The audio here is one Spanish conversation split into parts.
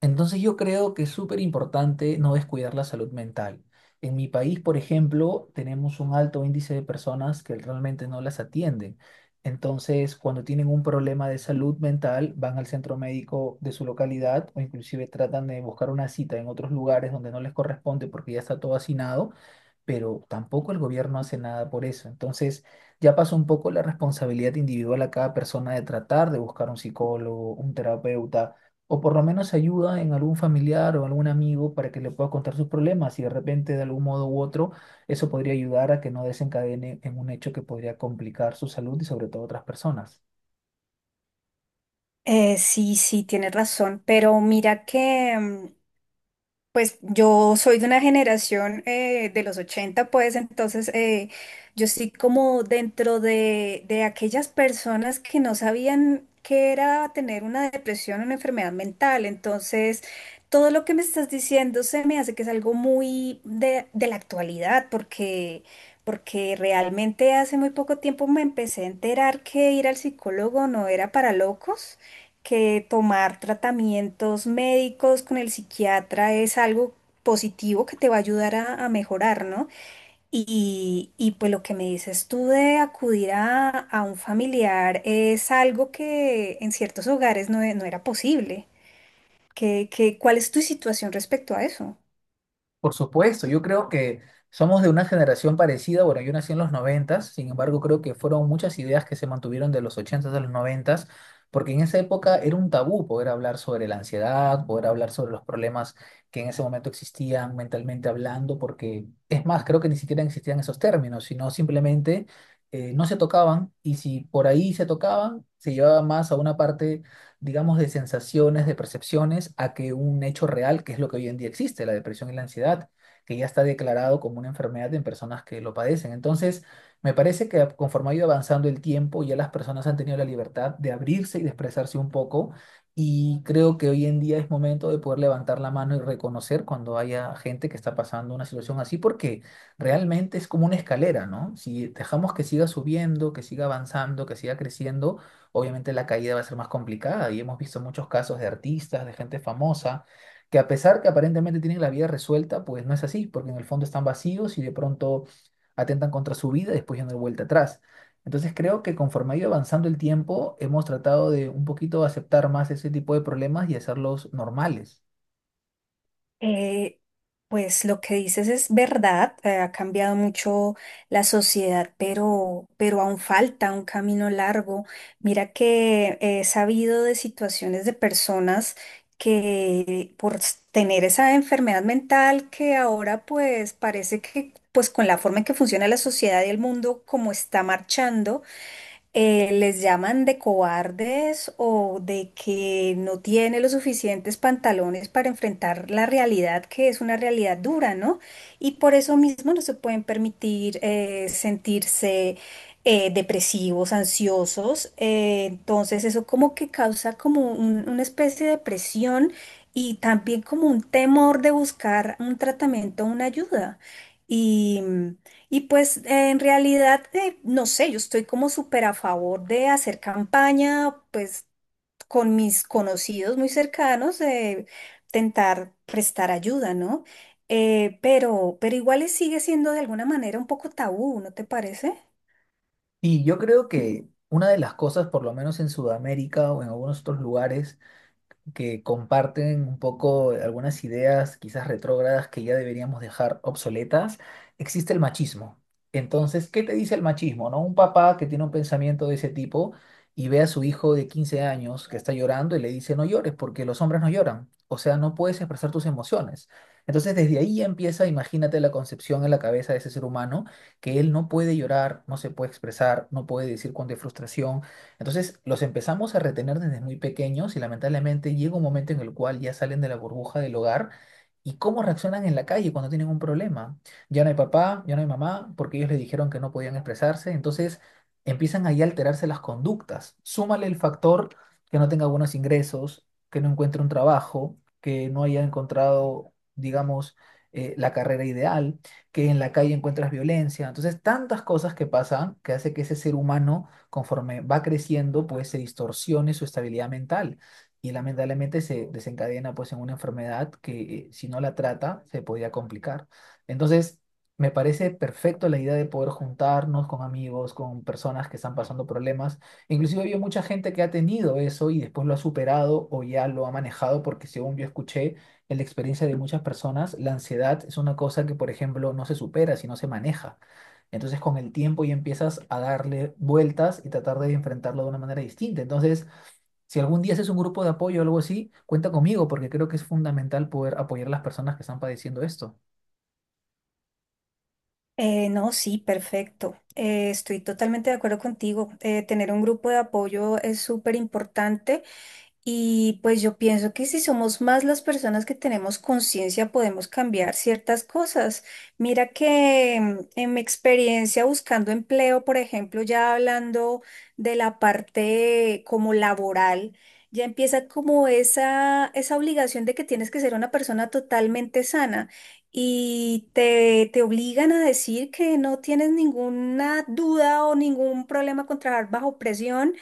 Entonces yo creo que es súper importante no descuidar la salud mental. En mi país, por ejemplo, tenemos un alto índice de personas que realmente no las atienden. Entonces, cuando tienen un problema de salud mental, van al centro médico de su localidad o inclusive tratan de buscar una cita en otros lugares donde no les corresponde porque ya está todo hacinado, pero tampoco el gobierno hace nada por eso. Entonces, ya pasó un poco la responsabilidad individual a cada persona de tratar de buscar un psicólogo, un terapeuta, o por lo menos ayuda en algún familiar o algún amigo para que le pueda contar sus problemas y de repente, de algún modo u otro, eso podría ayudar a que no desencadene en un hecho que podría complicar su salud y sobre todo otras personas. Sí, sí, tienes razón, pero mira que, pues yo soy de una generación de los 80, pues entonces yo estoy como dentro de aquellas personas que no sabían qué era tener una depresión o una enfermedad mental, entonces todo lo que me estás diciendo se me hace que es algo muy de la actualidad, porque... Porque realmente hace muy poco tiempo me empecé a enterar que ir al psicólogo no era para locos, que tomar tratamientos médicos con el psiquiatra es algo positivo que te va a ayudar a mejorar, ¿no? Y pues lo que me dices tú de acudir a un familiar es algo que en ciertos hogares no, no era posible. Cuál es tu situación respecto a eso? Por supuesto, yo creo que somos de una generación parecida. Bueno, yo nací en los noventas, sin embargo, creo que fueron muchas ideas que se mantuvieron de los ochentas s a los noventas, porque en esa época era un tabú poder hablar sobre la ansiedad, poder hablar sobre los problemas que en ese momento existían mentalmente hablando, porque es más, creo que ni siquiera existían esos términos, sino simplemente no se tocaban, y si por ahí se tocaban, se llevaba más a una parte, digamos, de sensaciones, de percepciones, a que un hecho real, que es lo que hoy en día existe, la depresión y la ansiedad, que ya está declarado como una enfermedad en personas que lo padecen. Entonces, me parece que conforme ha ido avanzando el tiempo, ya las personas han tenido la libertad de abrirse y de expresarse un poco. Y creo que hoy en día es momento de poder levantar la mano y reconocer cuando haya gente que está pasando una situación así, porque realmente es como una escalera, ¿no? Si dejamos que siga subiendo, que siga avanzando, que siga creciendo, obviamente la caída va a ser más complicada, y hemos visto muchos casos de artistas, de gente famosa, que a pesar que aparentemente tienen la vida resuelta, pues no es así, porque en el fondo están vacíos y de pronto atentan contra su vida y después ya no hay vuelta atrás. Entonces creo que conforme ha ido avanzando el tiempo, hemos tratado de un poquito aceptar más ese tipo de problemas y hacerlos normales. Eh, pues lo que dices es verdad, ha cambiado mucho la sociedad, pero aún falta un camino largo. Mira que he sabido de situaciones de personas que tener esa enfermedad mental que ahora pues parece que pues con la forma en que funciona la sociedad y el mundo como está marchando, les llaman de cobardes o de que no tiene los suficientes pantalones para enfrentar la realidad, que es una realidad dura, ¿no? Y por eso mismo no se pueden permitir sentirse depresivos, ansiosos. Entonces eso como que causa como una especie de presión y también como un temor de buscar un tratamiento, una ayuda. Y pues en realidad, no sé, yo estoy como súper a favor de hacer campaña, pues con mis conocidos muy cercanos, de intentar prestar ayuda, ¿no? Pero igual sigue siendo de alguna manera un poco tabú, ¿no te parece? Y yo creo que una de las cosas, por lo menos en Sudamérica o en algunos otros lugares, que comparten un poco algunas ideas quizás retrógradas que ya deberíamos dejar obsoletas, existe el machismo. Entonces, ¿qué te dice el machismo, no? Un papá que tiene un pensamiento de ese tipo y ve a su hijo de 15 años que está llorando y le dice, no llores porque los hombres no lloran. O sea, no puedes expresar tus emociones. Entonces, desde ahí empieza, imagínate la concepción en la cabeza de ese ser humano, que él no puede llorar, no se puede expresar, no puede decir cuando hay frustración, entonces los empezamos a retener desde muy pequeños y lamentablemente llega un momento en el cual ya salen de la burbuja del hogar y cómo reaccionan en la calle cuando tienen un problema. Ya no hay papá, ya no hay mamá, porque ellos les dijeron que no podían expresarse, entonces empiezan ahí a alterarse las conductas. Súmale el factor que no tenga buenos ingresos, que no encuentre un trabajo, que no haya encontrado, digamos, la carrera ideal, que en la calle encuentras violencia. Entonces, tantas cosas que pasan que hace que ese ser humano conforme va creciendo, pues se distorsione su estabilidad mental y lamentablemente se desencadena pues en una enfermedad que, si no la trata se podría complicar. Entonces, me parece perfecto la idea de poder juntarnos con amigos, con personas que están pasando problemas. Inclusive había mucha gente que ha tenido eso y después lo ha superado o ya lo ha manejado, porque según yo escuché en la experiencia de muchas personas, la ansiedad es una cosa que, por ejemplo, no se supera, sino se maneja. Entonces con el tiempo ya empiezas a darle vueltas y tratar de enfrentarlo de una manera distinta. Entonces, si algún día haces un grupo de apoyo o algo así, cuenta conmigo porque creo que es fundamental poder apoyar a las personas que están padeciendo esto. No, sí, perfecto. Estoy totalmente de acuerdo contigo. Tener un grupo de apoyo es súper importante. Y pues yo pienso que si somos más las personas que tenemos conciencia, podemos cambiar ciertas cosas. Mira que en mi experiencia buscando empleo, por ejemplo, ya hablando de la parte como laboral, ya empieza como esa obligación de que tienes que ser una persona totalmente sana. Y te obligan a decir que no tienes ninguna duda o ningún problema con trabajar bajo presión,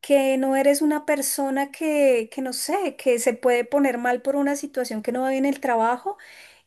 que no eres una persona que no sé, que se puede poner mal por una situación que no va bien en el trabajo,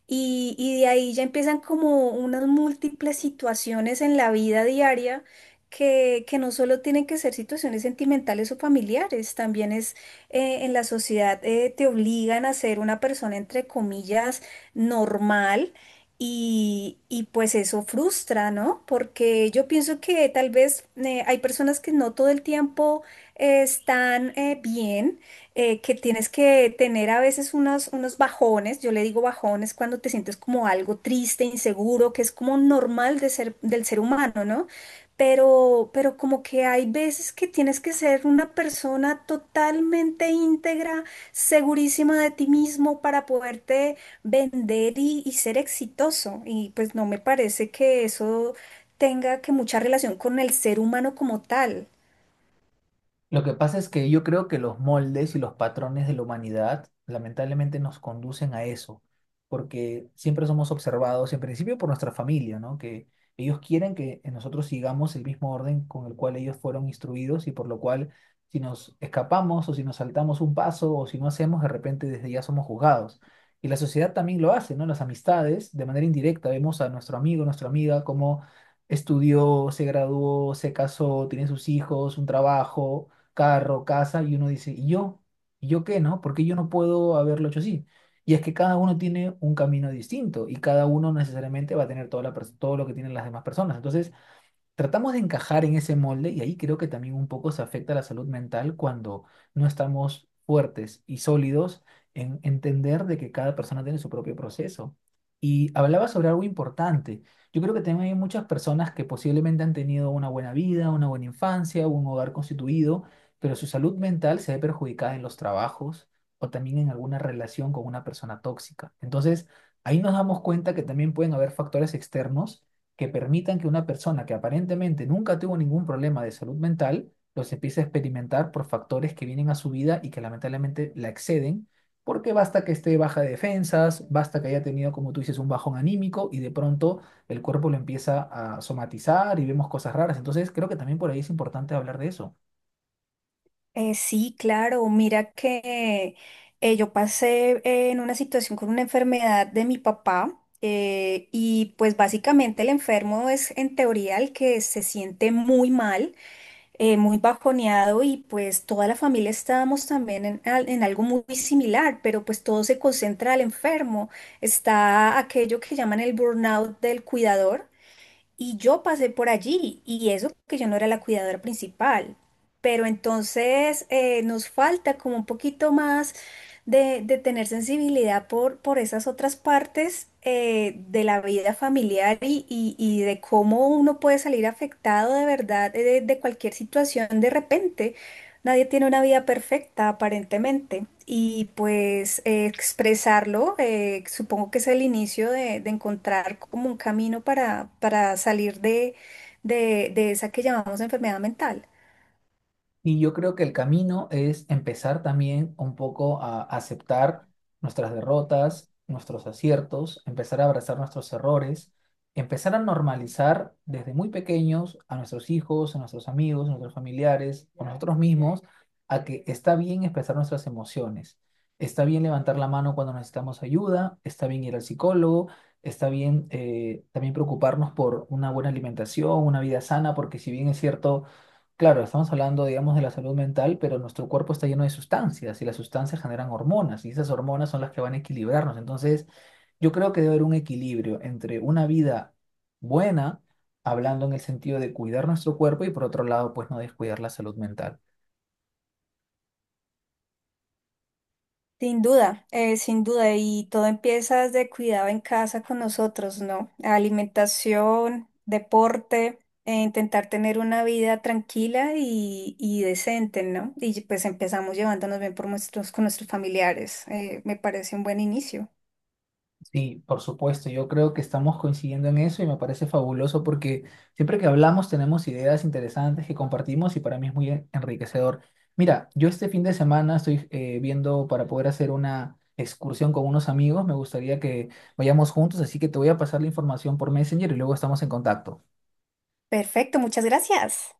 y de ahí ya empiezan como unas múltiples situaciones en la vida diaria que no solo tienen que ser situaciones sentimentales o familiares, también es en la sociedad te obligan a ser una persona entre comillas normal, y pues eso frustra, ¿no? Porque yo pienso que tal vez hay personas que no todo el tiempo están bien, que tienes que tener a veces unos bajones, yo le digo bajones cuando te sientes como algo triste, inseguro, que es como normal de ser, del ser humano, ¿no? Pero como que hay veces que tienes que ser una persona totalmente íntegra, segurísima de ti mismo para poderte vender y ser exitoso. Y pues no me parece que eso tenga que mucha relación con el ser humano como tal. Lo que pasa es que yo creo que los moldes y los patrones de la humanidad lamentablemente nos conducen a eso, porque siempre somos observados, en principio por nuestra familia, ¿no? Que ellos quieren que nosotros sigamos el mismo orden con el cual ellos fueron instruidos y por lo cual si nos escapamos o si nos saltamos un paso o si no hacemos, de repente desde ya somos juzgados. Y la sociedad también lo hace, ¿no? Las amistades, de manera indirecta, vemos a nuestro amigo, nuestra amiga, cómo estudió, se graduó, se casó, tiene sus hijos, un trabajo, carro, casa, y uno dice, ¿y yo? ¿Y yo qué, no? ¿Por qué yo no puedo haberlo hecho así? Y es que cada uno tiene un camino distinto y cada uno necesariamente va a tener toda la, todo lo que tienen las demás personas. Entonces, tratamos de encajar en ese molde y ahí creo que también un poco se afecta la salud mental cuando no estamos fuertes y sólidos en entender de que cada persona tiene su propio proceso. Y hablaba sobre algo importante. Yo creo que también hay muchas personas que posiblemente han tenido una buena vida, una buena infancia, un hogar constituido, pero su salud mental se ve perjudicada en los trabajos o también en alguna relación con una persona tóxica. Entonces, ahí nos damos cuenta que también pueden haber factores externos que permitan que una persona que aparentemente nunca tuvo ningún problema de salud mental, los empiece a experimentar por factores que vienen a su vida y que lamentablemente la exceden, porque basta que esté baja de defensas, basta que haya tenido, como tú dices, un bajón anímico y de pronto el cuerpo lo empieza a somatizar y vemos cosas raras. Entonces creo que también por ahí es importante hablar de eso. Sí, claro. Mira que yo pasé en una situación con una enfermedad de mi papá y pues básicamente el enfermo es en teoría el que se siente muy mal, muy bajoneado y pues toda la familia estábamos también en, en algo muy similar, pero pues todo se concentra al enfermo. Está aquello que llaman el burnout del cuidador y yo pasé por allí, y eso que yo no era la cuidadora principal. Pero entonces nos falta como un poquito más de tener sensibilidad por esas otras partes de la vida familiar y, y de cómo uno puede salir afectado de verdad de cualquier situación de repente. Nadie tiene una vida perfecta, aparentemente, y pues expresarlo, supongo que es el inicio de encontrar como un camino para salir de, de esa que llamamos enfermedad mental. Y yo creo que el camino es empezar también un poco a aceptar nuestras derrotas, nuestros aciertos, empezar a abrazar nuestros errores, empezar a normalizar desde muy pequeños a nuestros hijos, a nuestros amigos, a nuestros familiares, a nosotros mismos, a que está bien expresar nuestras emociones, está bien levantar la mano cuando necesitamos ayuda, está bien ir al psicólogo, está bien también preocuparnos por una buena alimentación, una vida sana, porque si bien es cierto, claro, estamos hablando, digamos, de la salud mental, pero nuestro cuerpo está lleno de sustancias y las sustancias generan hormonas y esas hormonas son las que van a equilibrarnos. Entonces, yo creo que debe haber un equilibrio entre una vida buena, hablando en el sentido de cuidar nuestro cuerpo y por otro lado, pues no descuidar la salud mental. Sin duda, sin duda, y todo empieza desde cuidado en casa con nosotros, ¿no? Alimentación, deporte, intentar tener una vida tranquila y decente, ¿no? Y pues empezamos llevándonos bien por nuestros, con nuestros familiares. Me parece un buen inicio. Sí, por supuesto, yo creo que estamos coincidiendo en eso y me parece fabuloso porque siempre que hablamos tenemos ideas interesantes que compartimos y para mí es muy enriquecedor. Mira, yo este fin de semana estoy viendo para poder hacer una excursión con unos amigos, me gustaría que vayamos juntos, así que te voy a pasar la información por Messenger y luego estamos en contacto. Perfecto, muchas gracias.